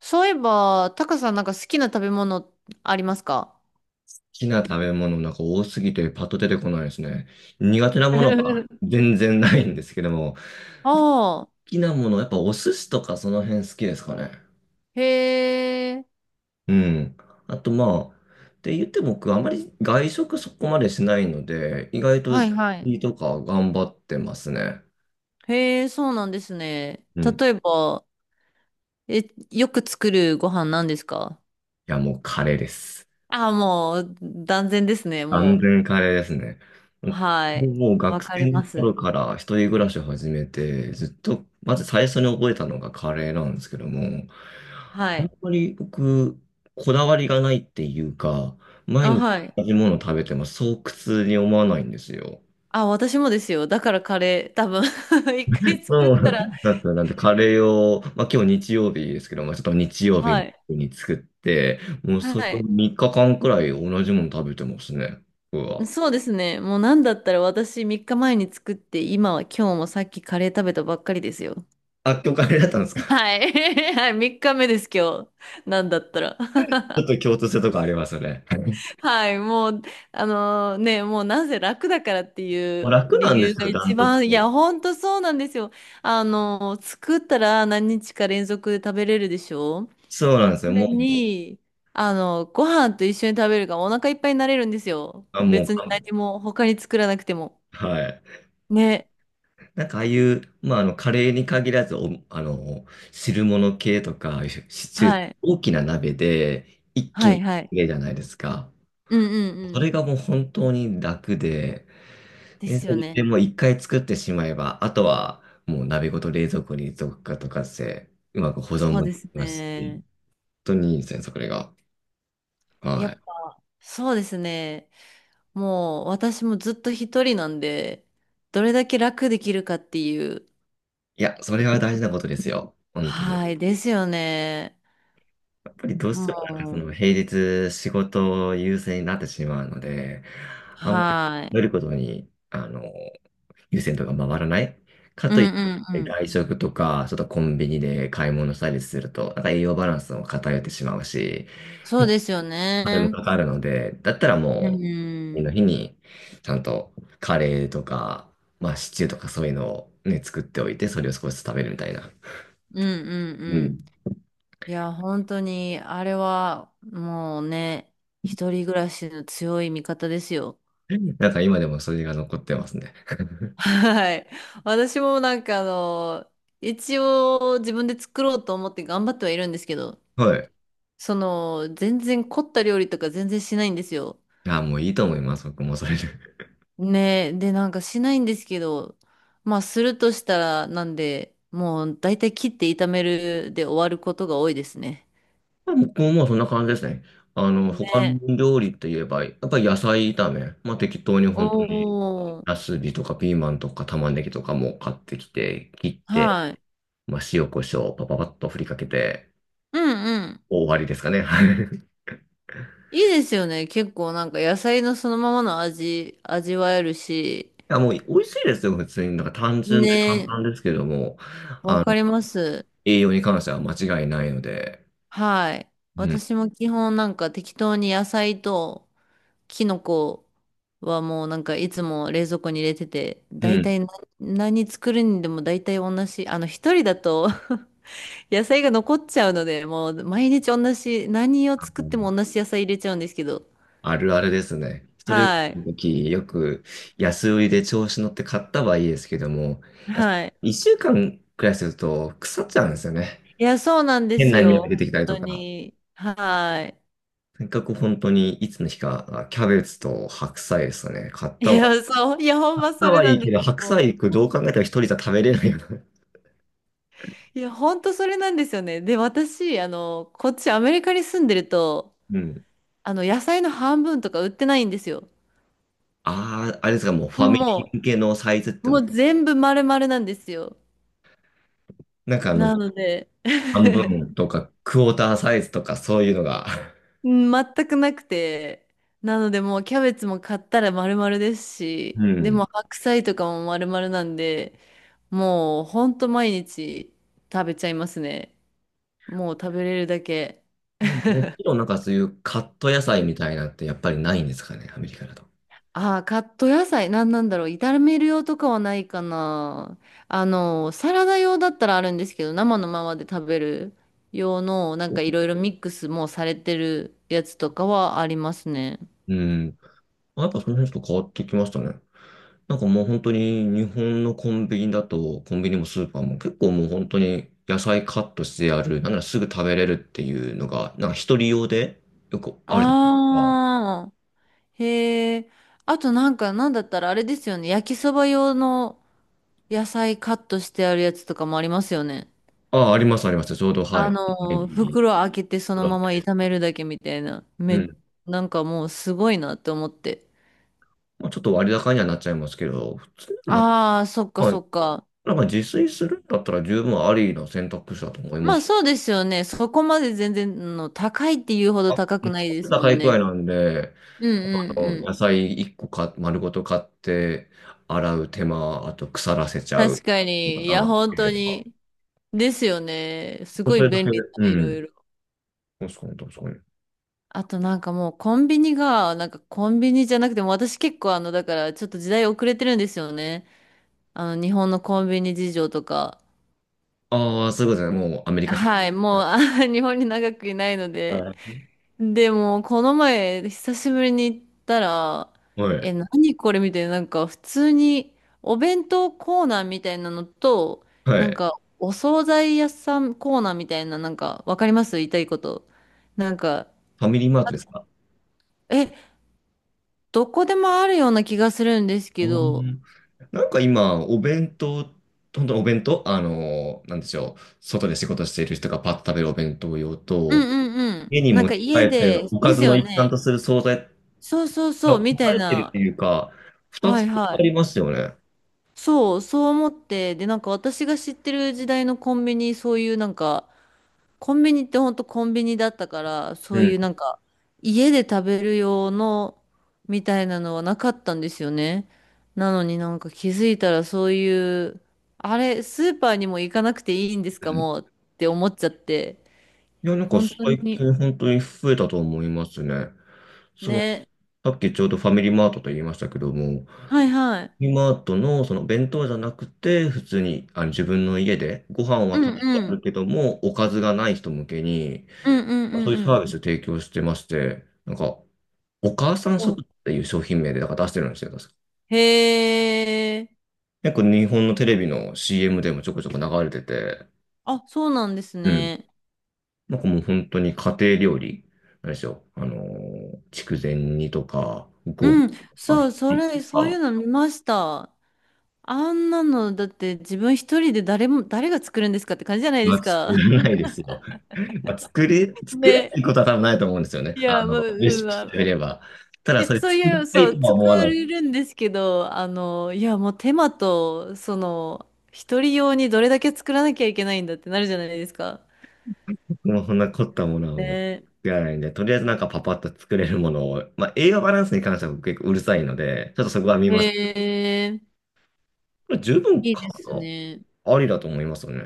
そういえば、タカさんなんか好きな食べ物ありますか？ きな食べ物なんか多すぎてパッと出てこないですね。苦手なものは 全然ないんですけども、好ああ、きなもの、やっぱお寿司とかその辺好きですかね。へえ、うん。あとまあ、って言っても僕あまり外食そこまでしないので、意外とはいはい。いいとか頑張ってますね。へえ、そうなんですね。うん。例いえば、え、よく作るご飯なんですか？やもうカレーです。ああ、もう、断然ですね、完もう。全カレーですね。はもい。うもうわ学かり生のま頃す。から一人暮らしを始めて、ずっと、まず最初に覚えたのがカレーなんですけども、はあんい。まり僕、こだわりがないっていうか、毎あ、日はい。同じものを食べてもそう苦痛に思わないんですよ。あ、私もですよ。だからカレー、多分 一回作っうたら、んなんで、なんでカレーを、まあ今日日曜日ですけど、まあちょっと日曜日はい。に作って、もうはそれをい。3日間くらい同じもの食べてますね、僕は。そうですね。もうなんだったら私3日前に作って、今は今日もさっきカレー食べたばっかりですよ。あ、今日カレーだったんですか？はい。はい、3日目です今日。なんだったら。ちょっ と共通性とかありますよね。はい、もう、あのね、もうなぜ楽だからっていもうう楽理なんで由すがよ、ダ一ントツ。番、いや、ほんとそうなんですよ。あの作ったら何日か連続で食べれるでしょ？そうなんですこよ。れもう、に、あの、ご飯と一緒に食べるからお腹いっぱいになれるんですよ。あ、もう、別にあ、何も他に作らなくても。はい。ね。なんかああいう、まあ、あの、カレーに限らず、あの、汁物系とか、シチュー、はい。大きな鍋で一気にはい作はい。れるじゃないですか。うんうんうそん。れがもう本当に楽で、でで、すよでね。もう一回作ってしまえば、あとはもう鍋ごと冷蔵庫にどっかとかして、うまく保存そうもでですきますし、本ね。当にいいですね、それが。はやい。っぱ、そうですね。もう私もずっと一人なんで、どれだけ楽できるかっていう。いや、それは大事なことですよ。本当に。はい、ですよね。やっぱりどうしもてもなんかそう、の平日仕事優先になってしまうので、あんまりは食い。べることに、あの、優先度が回らない。かうんとういっんうてん。外食とか、ちょっとコンビニで買い物したりすると、なんか栄養バランスも偏ってしまうし、そうですよあれもね。かかるので、だったらうもん。う、次うのん日に、ちゃんとカレーとか、まあシチューとかそういうのをね、作っておいて、それを少しずつ食べるみたいな。うんううん。ん。いや、本当に、あれは、もうね、一人暮らしの強い味方ですよ。なんか今でもそれが残ってますね。はい。私もなんかあの、一応自分で作ろうと思って頑張ってはいるんですけど、はい。その、全然凝った料理とか全然しないんですよ。あ、もういいと思います。僕もそれで。ねえ。で、なんかしないんですけど、まあするとしたらなんで、もう大体切って炒めるで終わることが多いですね。僕ももうそんな感じですね。あの、他のね料理といえば、やっぱり野菜炒め。まあ適当に本当に、おー。ナスビとかピーマンとか玉ねぎとかも買ってきて、切って、はい。まあ塩コショウパパパッと振りかけて、うんうん。終わりですかね。はい。いいですよね。結構なんか野菜のそのままの味、味わえるし。あ、もう美味しいですよ、普通に。なんか単純ねで簡え。単ですけども、わあかの、ります。栄養に関しては間違いないので、はい。うん。私も基本なんか適当に野菜とキノコはもうなんかいつも冷蔵庫に入れてて、う大ん。体な何作るにでも大体同じ。あの一人だと 野菜が残っちゃうので、もう毎日同じ、何を作っても同じ野菜入れちゃうんですけど。あるあるですね。それはい。の時、よく安売りで調子乗って買ったはいいですけども、いやはい。一週間くらいすると腐っちゃうんですよね。いや、そうなんで変すな匂よ。い出本てきたりと当か。に。はとにかく本当にいつの日か、あ、キャベツと白菜ですかね。い。いや、そう。いや、ほん買っまそたれはないいんでけすど、白菜よ。行くどう考えても一人じゃ食べれないよな。いや、ほんとそれなんですよね。で、私、あの、こっちアメリカに住んでると、うん。あの、野菜の半分とか売ってないんですよ。ああ、あれですか、もうファミリー向もけのサイズってもわうけ。全部丸々なんですよ。なんかあの、なので、半分とかクォーターサイズとかそういうのが。全くなくて、なのでもうキャベツも買ったら丸々ですし、うでん。も白菜とかも丸々なんで、もうほんと毎日食べちゃいますね。もう食べれるだけ。もうもちろんなんかそういうカット野菜みたいなのってやっぱりないんですかね、アメリカだと。ああ、カット野菜、なんなんだろう。炒める用とかはないかな。あの、サラダ用だったらあるんですけど、生のままで食べる用の、なんかいろいろミックスもされてるやつとかはありますね。うん。やっぱその辺ちょっと変わってきましたね。なんかもう本当に日本のコンビニだと、コンビニもスーパーも結構もう本当に野菜カットしてある、なんならすぐ食べれるっていうのが、なんか一人用でよくあるじゃないですか。ああ、へえ。あとなんか、なんだったらあれですよね。焼きそば用の野菜カットしてあるやつとかもありますよね。ああ、ありますあります。ちょうどはい。ネギ、袋開けてそプのランままです。炒めるだけみたいな。うん。なんかもうすごいなって思って。まあ、ちょっと割高にはなっちゃいますけど、普通にまああ、そっあ、かはそい、っか。なんか自炊するんだったら十分ありの選択肢だと思いままあす。そうですよね。そこまで全然の高いっていうほあ、ど作高くないっでてすもんいくらいね。なんで、うんうあんのう野ん。菜1個か丸ごと買って、洗う手間、あと腐らせちゃう確かかに。いや、なっ本てい当うのは。に。ですよね。すそごいれだ便け、利だ、ういろん。いろ。確かに確かに。あとなんかもうコンビニが、なんかコンビニじゃなくても私結構あの、だからちょっと時代遅れてるんですよね。あの、日本のコンビニ事情とか。ああ、そういうことですね。もうアメリカ製。はい、もうあ 日本に長くいないのはで。い。でも、この前、久しぶりに行ったら、はえ、い。何これみたいな、なんか普通にお弁当コーナーみたいなのと、はなんい。かお惣菜屋さんコーナーみたいな、なんかわかります言いたいこと。なんか、ファミリーマートですか？え、どこでもあるような気がするんですあけど、ーなんか今、お弁当、本当にお弁当、なんでしょう。外で仕事している人がパッと食べるお弁当用うんと、うんうん。家になん持ちか帰家ってで、おかですずのよ一環とね。する惣菜そうそうそや、う、分みたかいれてるってな。いうか、二はついあはい。りますよね。そう、そう思って、で、なんか私が知ってる時代のコンビニ、そういうなんか、コンビニってほんとコンビニだったから、そうういん。うなんか、家で食べる用のみたいなのはなかったんですよね。なのになんか気づいたらそういう、あれ、スーパーにも行かなくていいんですうかん。もうって思っちゃって、いや、なんか本当最に、近本当に増えたと思いますね。その、ね。さっきちょうどファミリーマートと言いましたけども、ファはいはい。ミリーマートのその弁当じゃなくて、普通にあの自分の家でご飯うは食んべてうあん。るけども、おかずがない人向けに、うんうんうそういうんサうービスを提供してまして、なんか、お母さんん。うん食っていう商品名でなんか出してるんですよ、確か。へえ。結構日本のテレビの CM でもちょこちょこ流れてて、あ、そうなんですうんね。なんかもう本当に家庭料理、なんでしょう。筑前煮とか、ごぼううん。とか、そひう、そじきれ、とそういかうの見ました。あんなの、だって自分一人で誰も、誰が作るんですかって感じじゃないではす作か。らないですよ。まあ、作れなね。いことは多分ないと思うんですよね。いあや、もう、の、レうシん、ピましてみあれば。たいだ、や、それそう作いりう、たそいとう、は作思わない。れるんですけど、あの、いや、もう手間と、その、一人用にどれだけ作らなきゃいけないんだってなるじゃないですか。僕もそんな凝ったものはもうね。作らないんで、とりあえずなんかパパッと作れるものを、まあ、栄養バランスに関しては僕結構うるさいので、ちょっとそこは見へます。え、十分いい買でうすのね。ありだと思いますよね。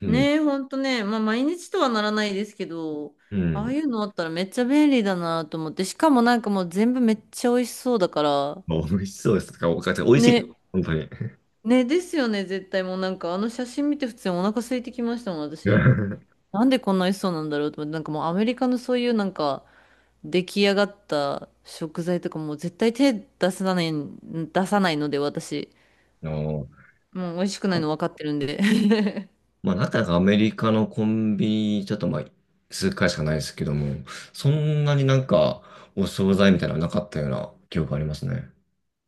うん。ねえ、ほんとね、まあ、毎日とはならないですけど、うああん。いうのあったらめっちゃ便利だなと思って、しかもなんかもう全部めっちゃ美味しそうだから、まあ美味しそうですか。お母美味しいです。ね、本当に。ね、ですよね、絶対もうなんかあの写真見て普通にお腹空いてきましたもん、私。なんでこんな美味しそうなんだろうと思って、なんかもうアメリカのそういうなんか出来上がった食材とかもう絶対手出さない、出さないので私、あの、もう美味しくないの分かってるんで。まあ、なかなかアメリカのコンビニ、ちょっとまあ、数回しかないですけども、そんなになんか、お惣菜みたいなのなかったような記憶ありますね。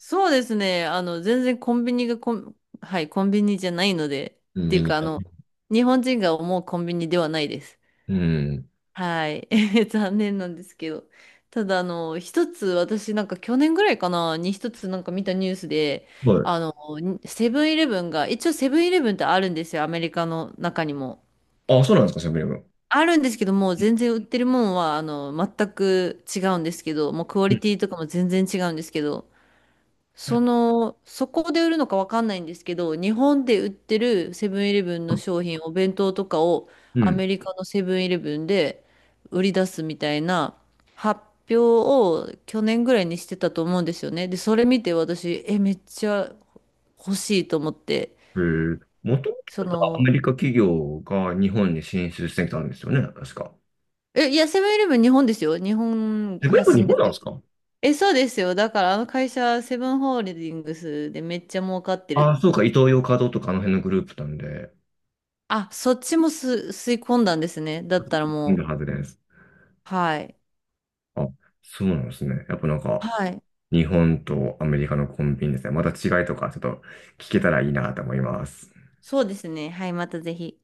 そうですね、あの全然コンビニがコン、はい、コンビニじゃないので、っていメうニュかあーの、ね。日本人が思うコンビニではないです。うはい。残念なんですけど。ただ、あの、一つ、私、なんか去年ぐらいかな、に一つなんか見たニュースで、ん。はあい。の、セブンイレブンが、一応セブンイレブンってあるんですよ、アメリカの中にも。あ、そうなんですか、セブンイレブン。あるんですけども、う全然売ってるもんは、あの、全く違うんですけど、もうクオリティとかも全然違うんですけど、うん。その、そこで売るのかわかんないんですけど、日本で売ってるセブンイレブンの商品、お弁当とかをうアメん。リカのセブンイレブンで売り出すみたいな発表を去年ぐらいにしてたと思うんですよね。で、それ見て私、え、めっちゃ欲しいと思って、へえ。もともそとアの、メリカ企業が日本に進出してきたんですよね、確か。え、いや、セブンイレブン日本ですよ。日本セブンイレ発ブン日信本でなすんでよ。すか？え、そうですよ。だからあの会社、セブンホールディングスでめっちゃ儲かってるっああ、そうてか、イトーヨーカドーとかあの辺のグループなんで、あ、そっちも吸い込んだんですね。だったらいるもはずです。う、はい。あ、そうなんですね。やっぱなんか、はい。日本とアメリカのコンビニですね。また違いとかちょっと聞けたらいいなと思います。そうですね。はい、またぜひ。